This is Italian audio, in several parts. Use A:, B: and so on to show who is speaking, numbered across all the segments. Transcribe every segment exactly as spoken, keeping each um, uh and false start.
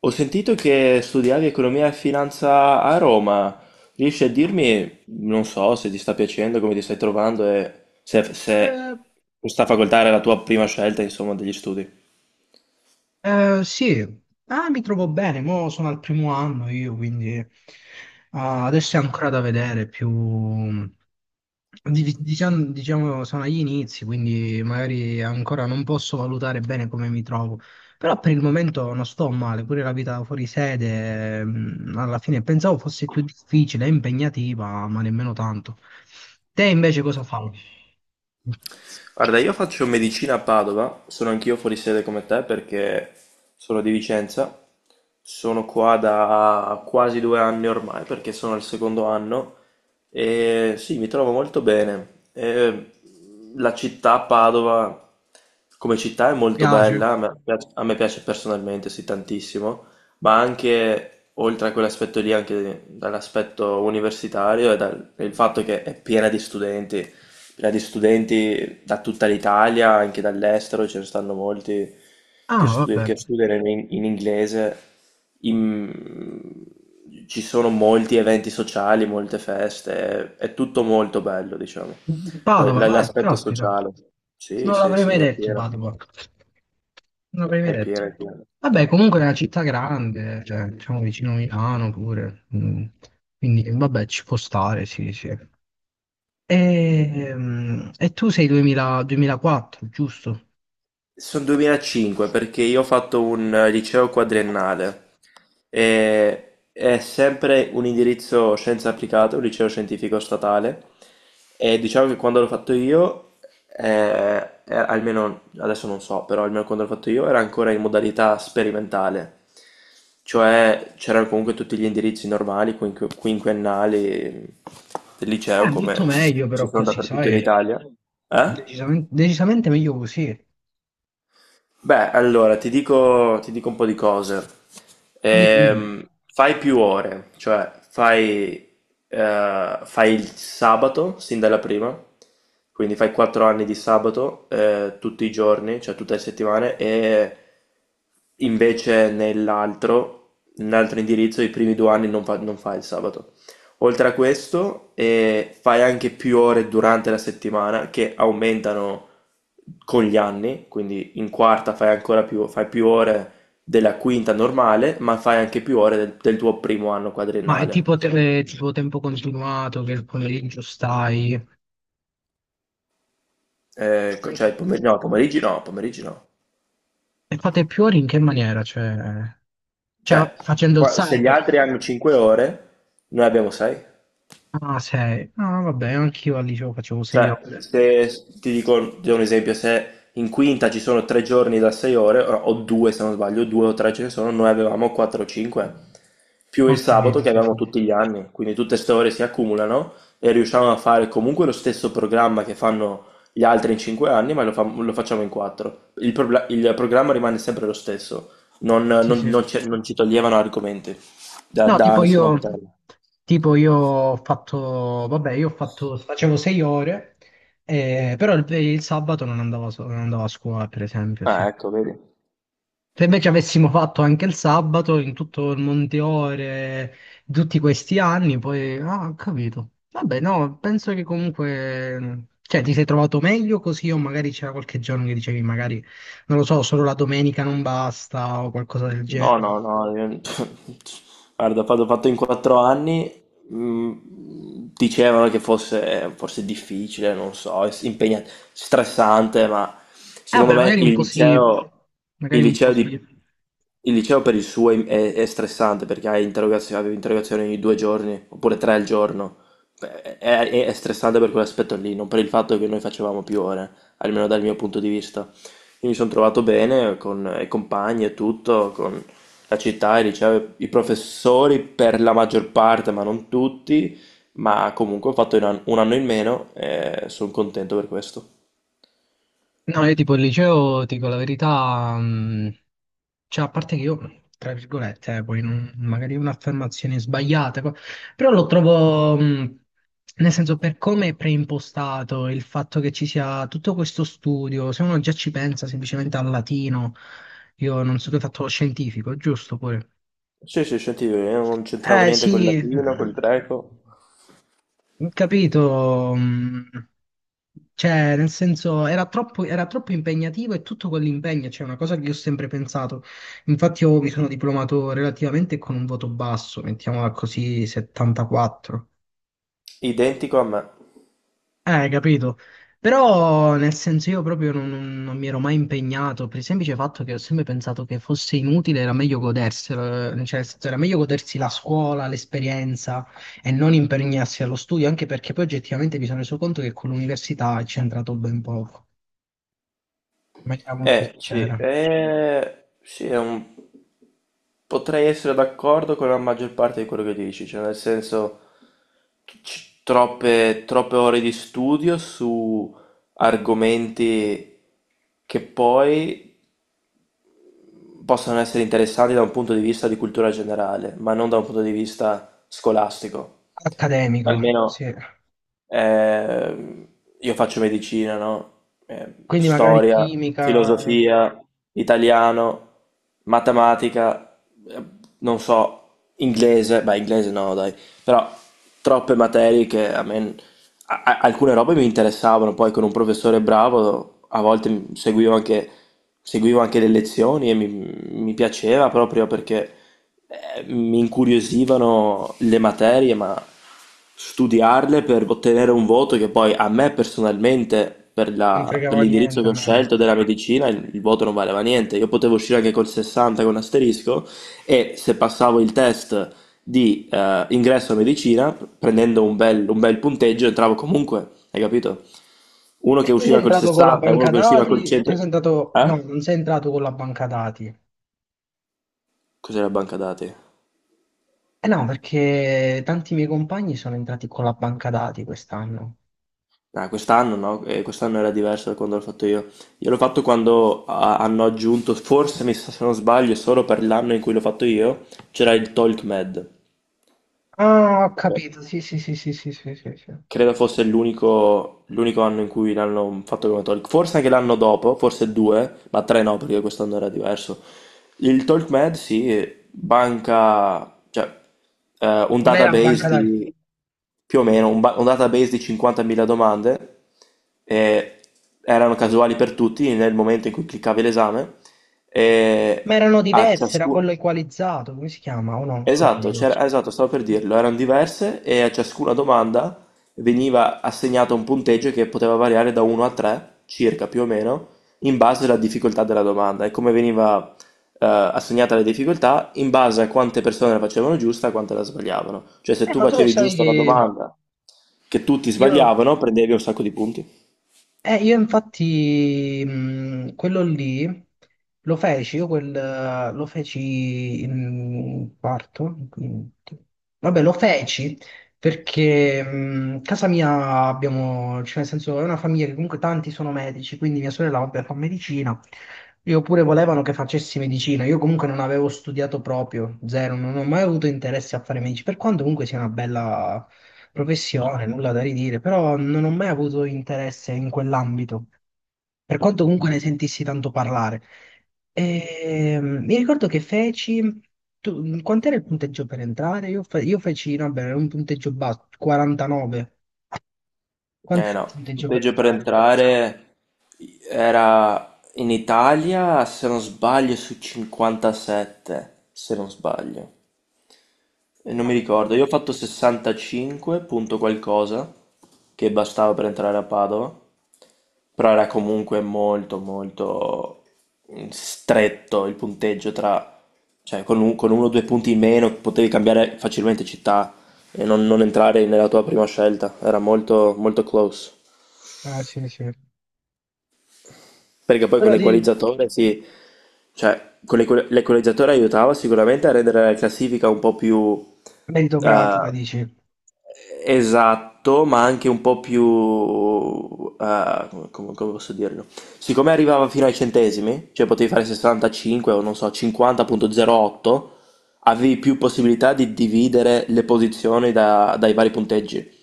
A: Ho sentito che studiavi economia e finanza a Roma. Riesci a dirmi, non so, se ti sta piacendo, come ti stai trovando e se, se
B: Eh,
A: questa facoltà era la tua prima scelta, insomma, degli studi?
B: eh, sì. Ah, mi trovo bene, mo sono al primo anno io, quindi eh, adesso è ancora da vedere più... di- di- Diciamo, diciamo, sono agli inizi, quindi magari ancora non posso valutare bene come mi trovo, però per il momento non sto male, pure la vita fuori sede, mm, alla fine pensavo fosse più difficile e impegnativa, ma nemmeno tanto. Te invece cosa fai? Ti
A: Guarda, io faccio medicina a Padova, sono anch'io fuori sede come te perché sono di Vicenza, sono qua da quasi due anni ormai perché sono al secondo anno e sì, mi trovo molto bene. E la città Padova come città è molto
B: piace?
A: bella, a me piace, a me piace personalmente, sì, tantissimo, ma anche oltre a quell'aspetto lì, anche dall'aspetto universitario e dal il fatto che è piena di studenti. Gradi studenti da tutta l'Italia, anche dall'estero, ce ne stanno molti che,
B: Ah,
A: studi-
B: vabbè.
A: che studiano in, in inglese. In- Ci sono molti eventi sociali, molte feste, è tutto molto bello, diciamo. Que- l-
B: Padova, eh,
A: L'aspetto
B: caspita,
A: sociale. Sì,
B: non
A: sì,
B: l'avrei
A: sì,
B: mai
A: è
B: detto
A: pieno,
B: Padova, non l'avrei mai
A: è
B: detto.
A: pieno, è pieno.
B: Vabbè, comunque è una città grande, cioè, diciamo vicino a Milano pure, mm, quindi vabbè, ci può stare, sì, sì. E, mm, e tu sei duemila duemilaquattro, giusto?
A: Sul duemilacinque perché io ho fatto un eh, liceo quadriennale e è sempre un indirizzo scienze applicate, un liceo scientifico statale e diciamo che quando l'ho fatto io, eh, eh, almeno adesso non so, però almeno quando l'ho fatto io era ancora in modalità sperimentale, cioè c'erano comunque tutti gli indirizzi normali, quinqu- quinquennali del
B: Eh,
A: liceo
B: molto
A: come
B: meglio
A: ci
B: però
A: sono
B: così,
A: dappertutto in
B: sai?
A: Italia. Eh?
B: Decisamente, decisamente meglio così.
A: Beh, allora ti dico, ti dico un po' di cose.
B: Dimmi, dimmi.
A: Ehm, fai più ore, cioè fai, eh, fai il sabato sin dalla prima, quindi fai quattro anni di sabato eh, tutti i giorni, cioè tutte le settimane, e invece nell'altro, nell'altro indirizzo, i primi due anni non fa- non fai il sabato. Oltre a questo, eh, fai anche più ore durante la settimana che aumentano con gli anni, quindi in quarta fai ancora più, fai più ore della quinta normale, ma fai anche più ore del, del tuo primo anno
B: Ma è
A: quadriennale.
B: tipo, te- tipo tempo continuato che il pomeriggio stai?
A: Eh, co-
B: Sì.
A: cioè, pomer- no, pomeriggi no, pomeriggi no.
B: E fate più ore in che maniera? Cioè, cioè,
A: Cioè,
B: facendo il
A: qua- se gli
B: sabato?
A: altri hanno cinque ore, noi abbiamo sei.
B: Ah, sei. Ah, vabbè, anch'io al liceo facevo sei
A: Cioè,
B: ore.
A: se ti dico, ti do un esempio, se in quinta ci sono tre giorni da sei ore, o o due se non sbaglio, due o tre ce ne sono, noi avevamo quattro o cinque, più
B: Ho
A: il sabato
B: capito,
A: che
B: sì,
A: avevamo
B: sì.
A: tutti gli anni, quindi tutte queste ore si accumulano e riusciamo a fare comunque lo stesso programma che fanno gli altri in cinque anni, ma lo, fa- lo facciamo in quattro. Il, probla- il programma rimane sempre lo stesso, non,
B: Sì,
A: non-
B: sì.
A: non ci non ci toglievano argomenti da,
B: No,
A: da
B: tipo
A: nessuna
B: io,
A: materia.
B: tipo io ho fatto, vabbè, io ho fatto, facevo sei ore, eh, però il, il sabato non andavo, a so- non andavo a scuola, per esempio, sì.
A: Ah, ecco, vedi.
B: Se invece avessimo fatto anche il sabato in tutto il Monteore, tutti questi anni, poi... Ah, ho capito. Vabbè, no, penso che comunque... Cioè, ti sei trovato meglio così o magari c'era qualche giorno che dicevi magari, non lo so, solo la domenica non basta o qualcosa del genere.
A: No,
B: Eh,
A: no, no, io- guarda, quando ho fatto in quattro anni, mh, dicevano che fosse, fosse difficile, non so, es- impegnat- stressante, ma secondo
B: Vabbè,
A: me
B: magari un
A: il
B: po' sì,
A: liceo,
B: magari
A: il
B: un po'
A: liceo
B: sì.
A: di- il liceo per il suo è, è- è stressante perché hai interrogazioni, avevi interrogazioni ogni due giorni, oppure tre al giorno. Beh, È, è- è stressante per quell'aspetto lì, non per il fatto che noi facevamo più ore, almeno dal mio punto di vista. Quindi mi sono trovato bene con i compagni e tutto, con la città, il liceo, i professori per la maggior parte, ma non tutti, ma comunque ho fatto un an- un anno in meno e sono contento per questo.
B: No, io tipo il liceo, dico la verità, mh, cioè a parte che io, tra virgolette, eh, poi non- magari è un'affermazione sbagliata, co- però lo trovo, mh, nel senso per come è preimpostato il fatto che ci sia tutto questo studio, se uno già ci pensa semplicemente al latino, io non so che hai fatto lo scientifico, giusto pure?
A: Sì, sì, sentivo, io non c'entravo
B: Eh
A: niente col
B: sì, eh,
A: latino, col greco,
B: non capito, mm, cioè, nel senso, era troppo, era troppo impegnativo e tutto quell'impegno, cioè, è una cosa che io ho sempre pensato. Infatti, io mi sono diplomato relativamente con un voto basso, mettiamola così, settantaquattro.
A: identico a me.
B: Eh, capito. Però nel senso io proprio non, non- non mi ero mai impegnato per il semplice fatto che ho sempre pensato che fosse inutile, era meglio goderselo, eh, cioè nel senso, era meglio godersi la scuola, l'esperienza e non impegnarsi allo studio, anche perché poi oggettivamente mi sono reso conto che con l'università ci è entrato ben poco, in maniera molto
A: Eh sì,
B: sincera.
A: eh, sì, è un- potrei essere d'accordo con la maggior parte di quello che dici, cioè nel senso c- troppe, troppe ore di studio su argomenti che poi possono essere interessanti da un punto di vista di cultura generale, ma non da un punto di vista scolastico,
B: Accademico,
A: almeno
B: sì.
A: Ehm, io faccio medicina, no? Ehm,
B: Quindi magari
A: storia,
B: chimica,
A: filosofia, italiano, matematica, eh, non so, inglese, beh, inglese no, dai, però troppe materie che a me, a- a- alcune robe mi interessavano, poi con un professore bravo a volte m- seguivo anche, seguivo anche le lezioni e mi, mi piaceva proprio perché eh, mi incuriosivano le materie, ma studiarle per ottenere un voto che poi a me personalmente per
B: non
A: la- per
B: fregava
A: l'indirizzo
B: niente
A: che
B: a
A: ho
B: me.
A: scelto della medicina il, il voto non valeva niente, io potevo uscire anche col sessanta con asterisco e se passavo il test di eh, ingresso a medicina, prendendo un bel, un bel punteggio, entravo comunque, hai capito? Uno
B: E
A: che
B: tu sei
A: usciva col
B: entrato con la
A: sessanta, uno
B: banca
A: che usciva col
B: dati?
A: cento.
B: Te sei entrato... No,
A: Eh?
B: non sei entrato con la banca dati.
A: Cos'era banca dati?
B: Eh no, perché tanti miei compagni sono entrati con la banca dati quest'anno.
A: Ah, quest'anno no, eh, quest'anno era diverso da quando l'ho fatto io. Io l'ho fatto quando ah, hanno aggiunto, forse mi sa se non sbaglio, solo per l'anno in cui l'ho fatto io, c'era il TalkMed.
B: Ah, ho
A: Ok.
B: capito, sì, sì, sì, sì, sì, sì, sì, sì.
A: Credo fosse l'unico l'unico anno in cui l'hanno fatto come talk. Forse anche l'anno dopo, forse due, ma tre no, perché quest'anno era diverso. Il TalkMed si banca, cioè, eh, un
B: Non era
A: database
B: banca dati,
A: di più o meno un, ba- un database di cinquantamila domande e erano casuali per tutti nel momento in cui cliccavi l'esame
B: ma
A: e
B: erano
A: a
B: diverse, era
A: ciascuno.
B: quello equalizzato, come si chiama? O no,
A: Esatto,
B: sbaglio.
A: c'era- esatto, stavo per dirlo, erano diverse e a ciascuna domanda veniva assegnato un punteggio che poteva variare da uno a tre, circa più o meno, in base alla difficoltà della domanda e come veniva eh, assegnata la difficoltà in base a quante persone la facevano giusta e quante la sbagliavano. Cioè se
B: Eh,
A: tu
B: ma tu lo
A: facevi
B: sai
A: giusta una
B: che
A: domanda che tutti
B: io...
A: sbagliavano, prendevi un sacco di punti.
B: Eh, io infatti mh, quello lì lo feci, io quel, eh, lo feci in quarto, in quinto. Vabbè, lo feci perché mh, casa mia abbiamo, cioè nel senso è una famiglia che comunque tanti sono medici, quindi mia sorella vabbè fa medicina, io pure volevano che facessi medicina, io comunque non avevo studiato proprio, zero, non ho mai avuto interesse a fare medici, per quanto comunque sia una bella professione, nulla da ridire, però non ho mai avuto interesse in quell'ambito, per quanto comunque ne sentissi tanto parlare. E, mm, mi ricordo che feci, tu, quant'era il punteggio per entrare? Io, fe- io feci, no, beh, un punteggio basso, quarantanove.
A: Eh
B: Quant'era il
A: no, il
B: punteggio per
A: punteggio per
B: entrare?
A: entrare era in Italia, se non sbaglio, su cinquantasette, se non sbaglio. E non
B: Ah,
A: mi ricordo,
B: come?
A: io ho fatto sessantacinque punto qualcosa, che bastava per entrare a Padova, però era comunque molto molto mm, stretto il punteggio tra, cioè con, un- con uno o due punti in meno potevi cambiare facilmente città e non, non entrare nella tua prima scelta, era molto molto close.
B: Ah, sì, sì.
A: Perché poi con
B: Però di
A: l'equalizzatore sì, cioè con l'equa- l'equalizzatore aiutava sicuramente a rendere la classifica un po' più eh,
B: meritocratica, dici.
A: esatto, ma anche un po' più... eh, come, come- come posso dirlo? Siccome arrivava fino ai centesimi, cioè potevi fare sessantacinque o non so, cinquanta punto zero otto, avevi più possibilità di dividere le posizioni da- dai vari punteggi.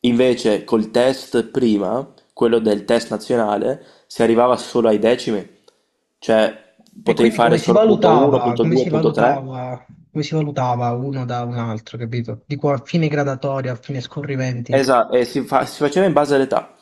A: Invece col test prima, quello del test nazionale, si arrivava solo ai decimi, cioè
B: E
A: potevi
B: quindi
A: fare
B: come si
A: solo punto uno,
B: valutava,
A: punto
B: come
A: due,
B: si
A: punto tre.
B: valutava, come si valutava uno da un altro, capito? Dico a fine gradatoria, a fine scorrimenti, in
A: Esatto, e si, fa- si faceva in base all'età.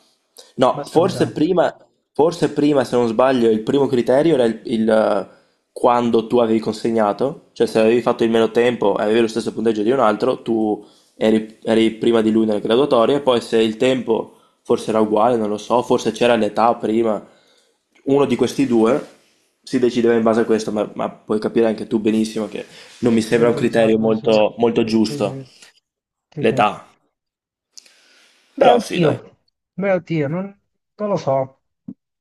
A: No,
B: base
A: forse
B: all'età.
A: prima, forse prima, se non sbaglio, il primo criterio era il, il, eh, quando tu avevi consegnato, cioè se avevi fatto il meno tempo e avevi lo stesso punteggio di un altro, tu eri, eri prima di lui nelle graduatorie, poi se il tempo forse era uguale, non lo so, forse c'era l'età prima, uno di questi due si decideva in base a questo, ma, ma puoi capire anche tu benissimo che non mi
B: E
A: sembra un
B: improvvisato,
A: criterio
B: dove c'è,
A: molto molto
B: dove
A: giuetà.
B: c'è, dove c'è.
A: L'età,
B: Beh,
A: però sì,
B: oddio,
A: dai.
B: beh, oddio, non, non lo so,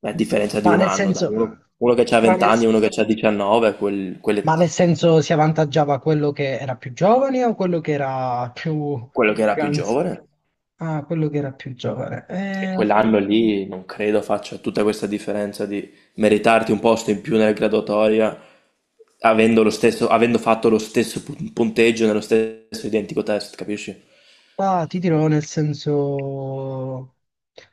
A: Beh, differenza di
B: ma
A: un
B: nel
A: anno, dai.
B: senso,
A: Uno, uno che ha
B: ma
A: venti
B: nel,
A: anni e uno che ha diciannove, quel- quelle-
B: ma nel senso si avvantaggiava quello che era più giovane o quello che era più,
A: quello che era più
B: anzi,
A: giovane,
B: ah, quello che era più giovane.
A: e
B: Eh,
A: quell'anno lì non credo faccia tutta questa differenza di meritarti un posto in più nella graduatoria avendo, lo stesso, avendo fatto lo stesso pu- punteggio nello stesso identico test, capisci?
B: Ah, ti dirò nel senso, non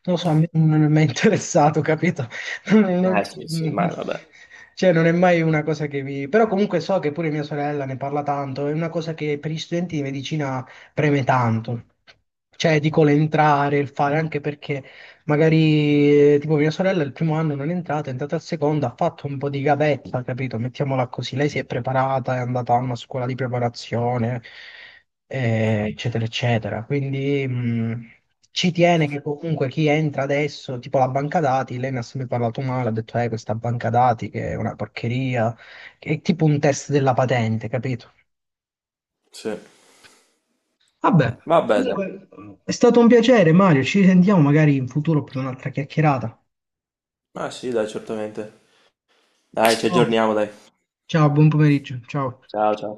B: lo so, a me non mi è mai interessato, capito? Non-
A: Eh sì, sì, ma
B: non-
A: vabbè.
B: Cioè, non è mai una cosa che mi... Però comunque so che pure mia sorella ne parla tanto, è una cosa che per gli studenti di medicina preme tanto. Cioè, dico l'entrare, il fare, anche perché magari eh, tipo mia sorella il primo anno non è entrata, è entrata al secondo, ha fatto un po' di gavetta, capito? Mettiamola così, lei si è preparata, è andata a una scuola di preparazione, eh, eccetera, eccetera. Quindi mh, ci tiene che comunque chi entra adesso, tipo la banca dati, lei ne ha sempre parlato male, ha detto, eh, questa banca dati che è una porcheria, che è tipo un test della patente, capito?
A: Sì.
B: Vabbè,
A: Vabbè, dai.
B: comunque è stato un piacere, Mario. Ci risentiamo magari in futuro per un'altra chiacchierata.
A: Ah sì, dai, certamente. Dai, ci
B: Ciao.
A: aggiorniamo, dai.
B: Ciao, buon pomeriggio. Ciao.
A: Ciao, ciao.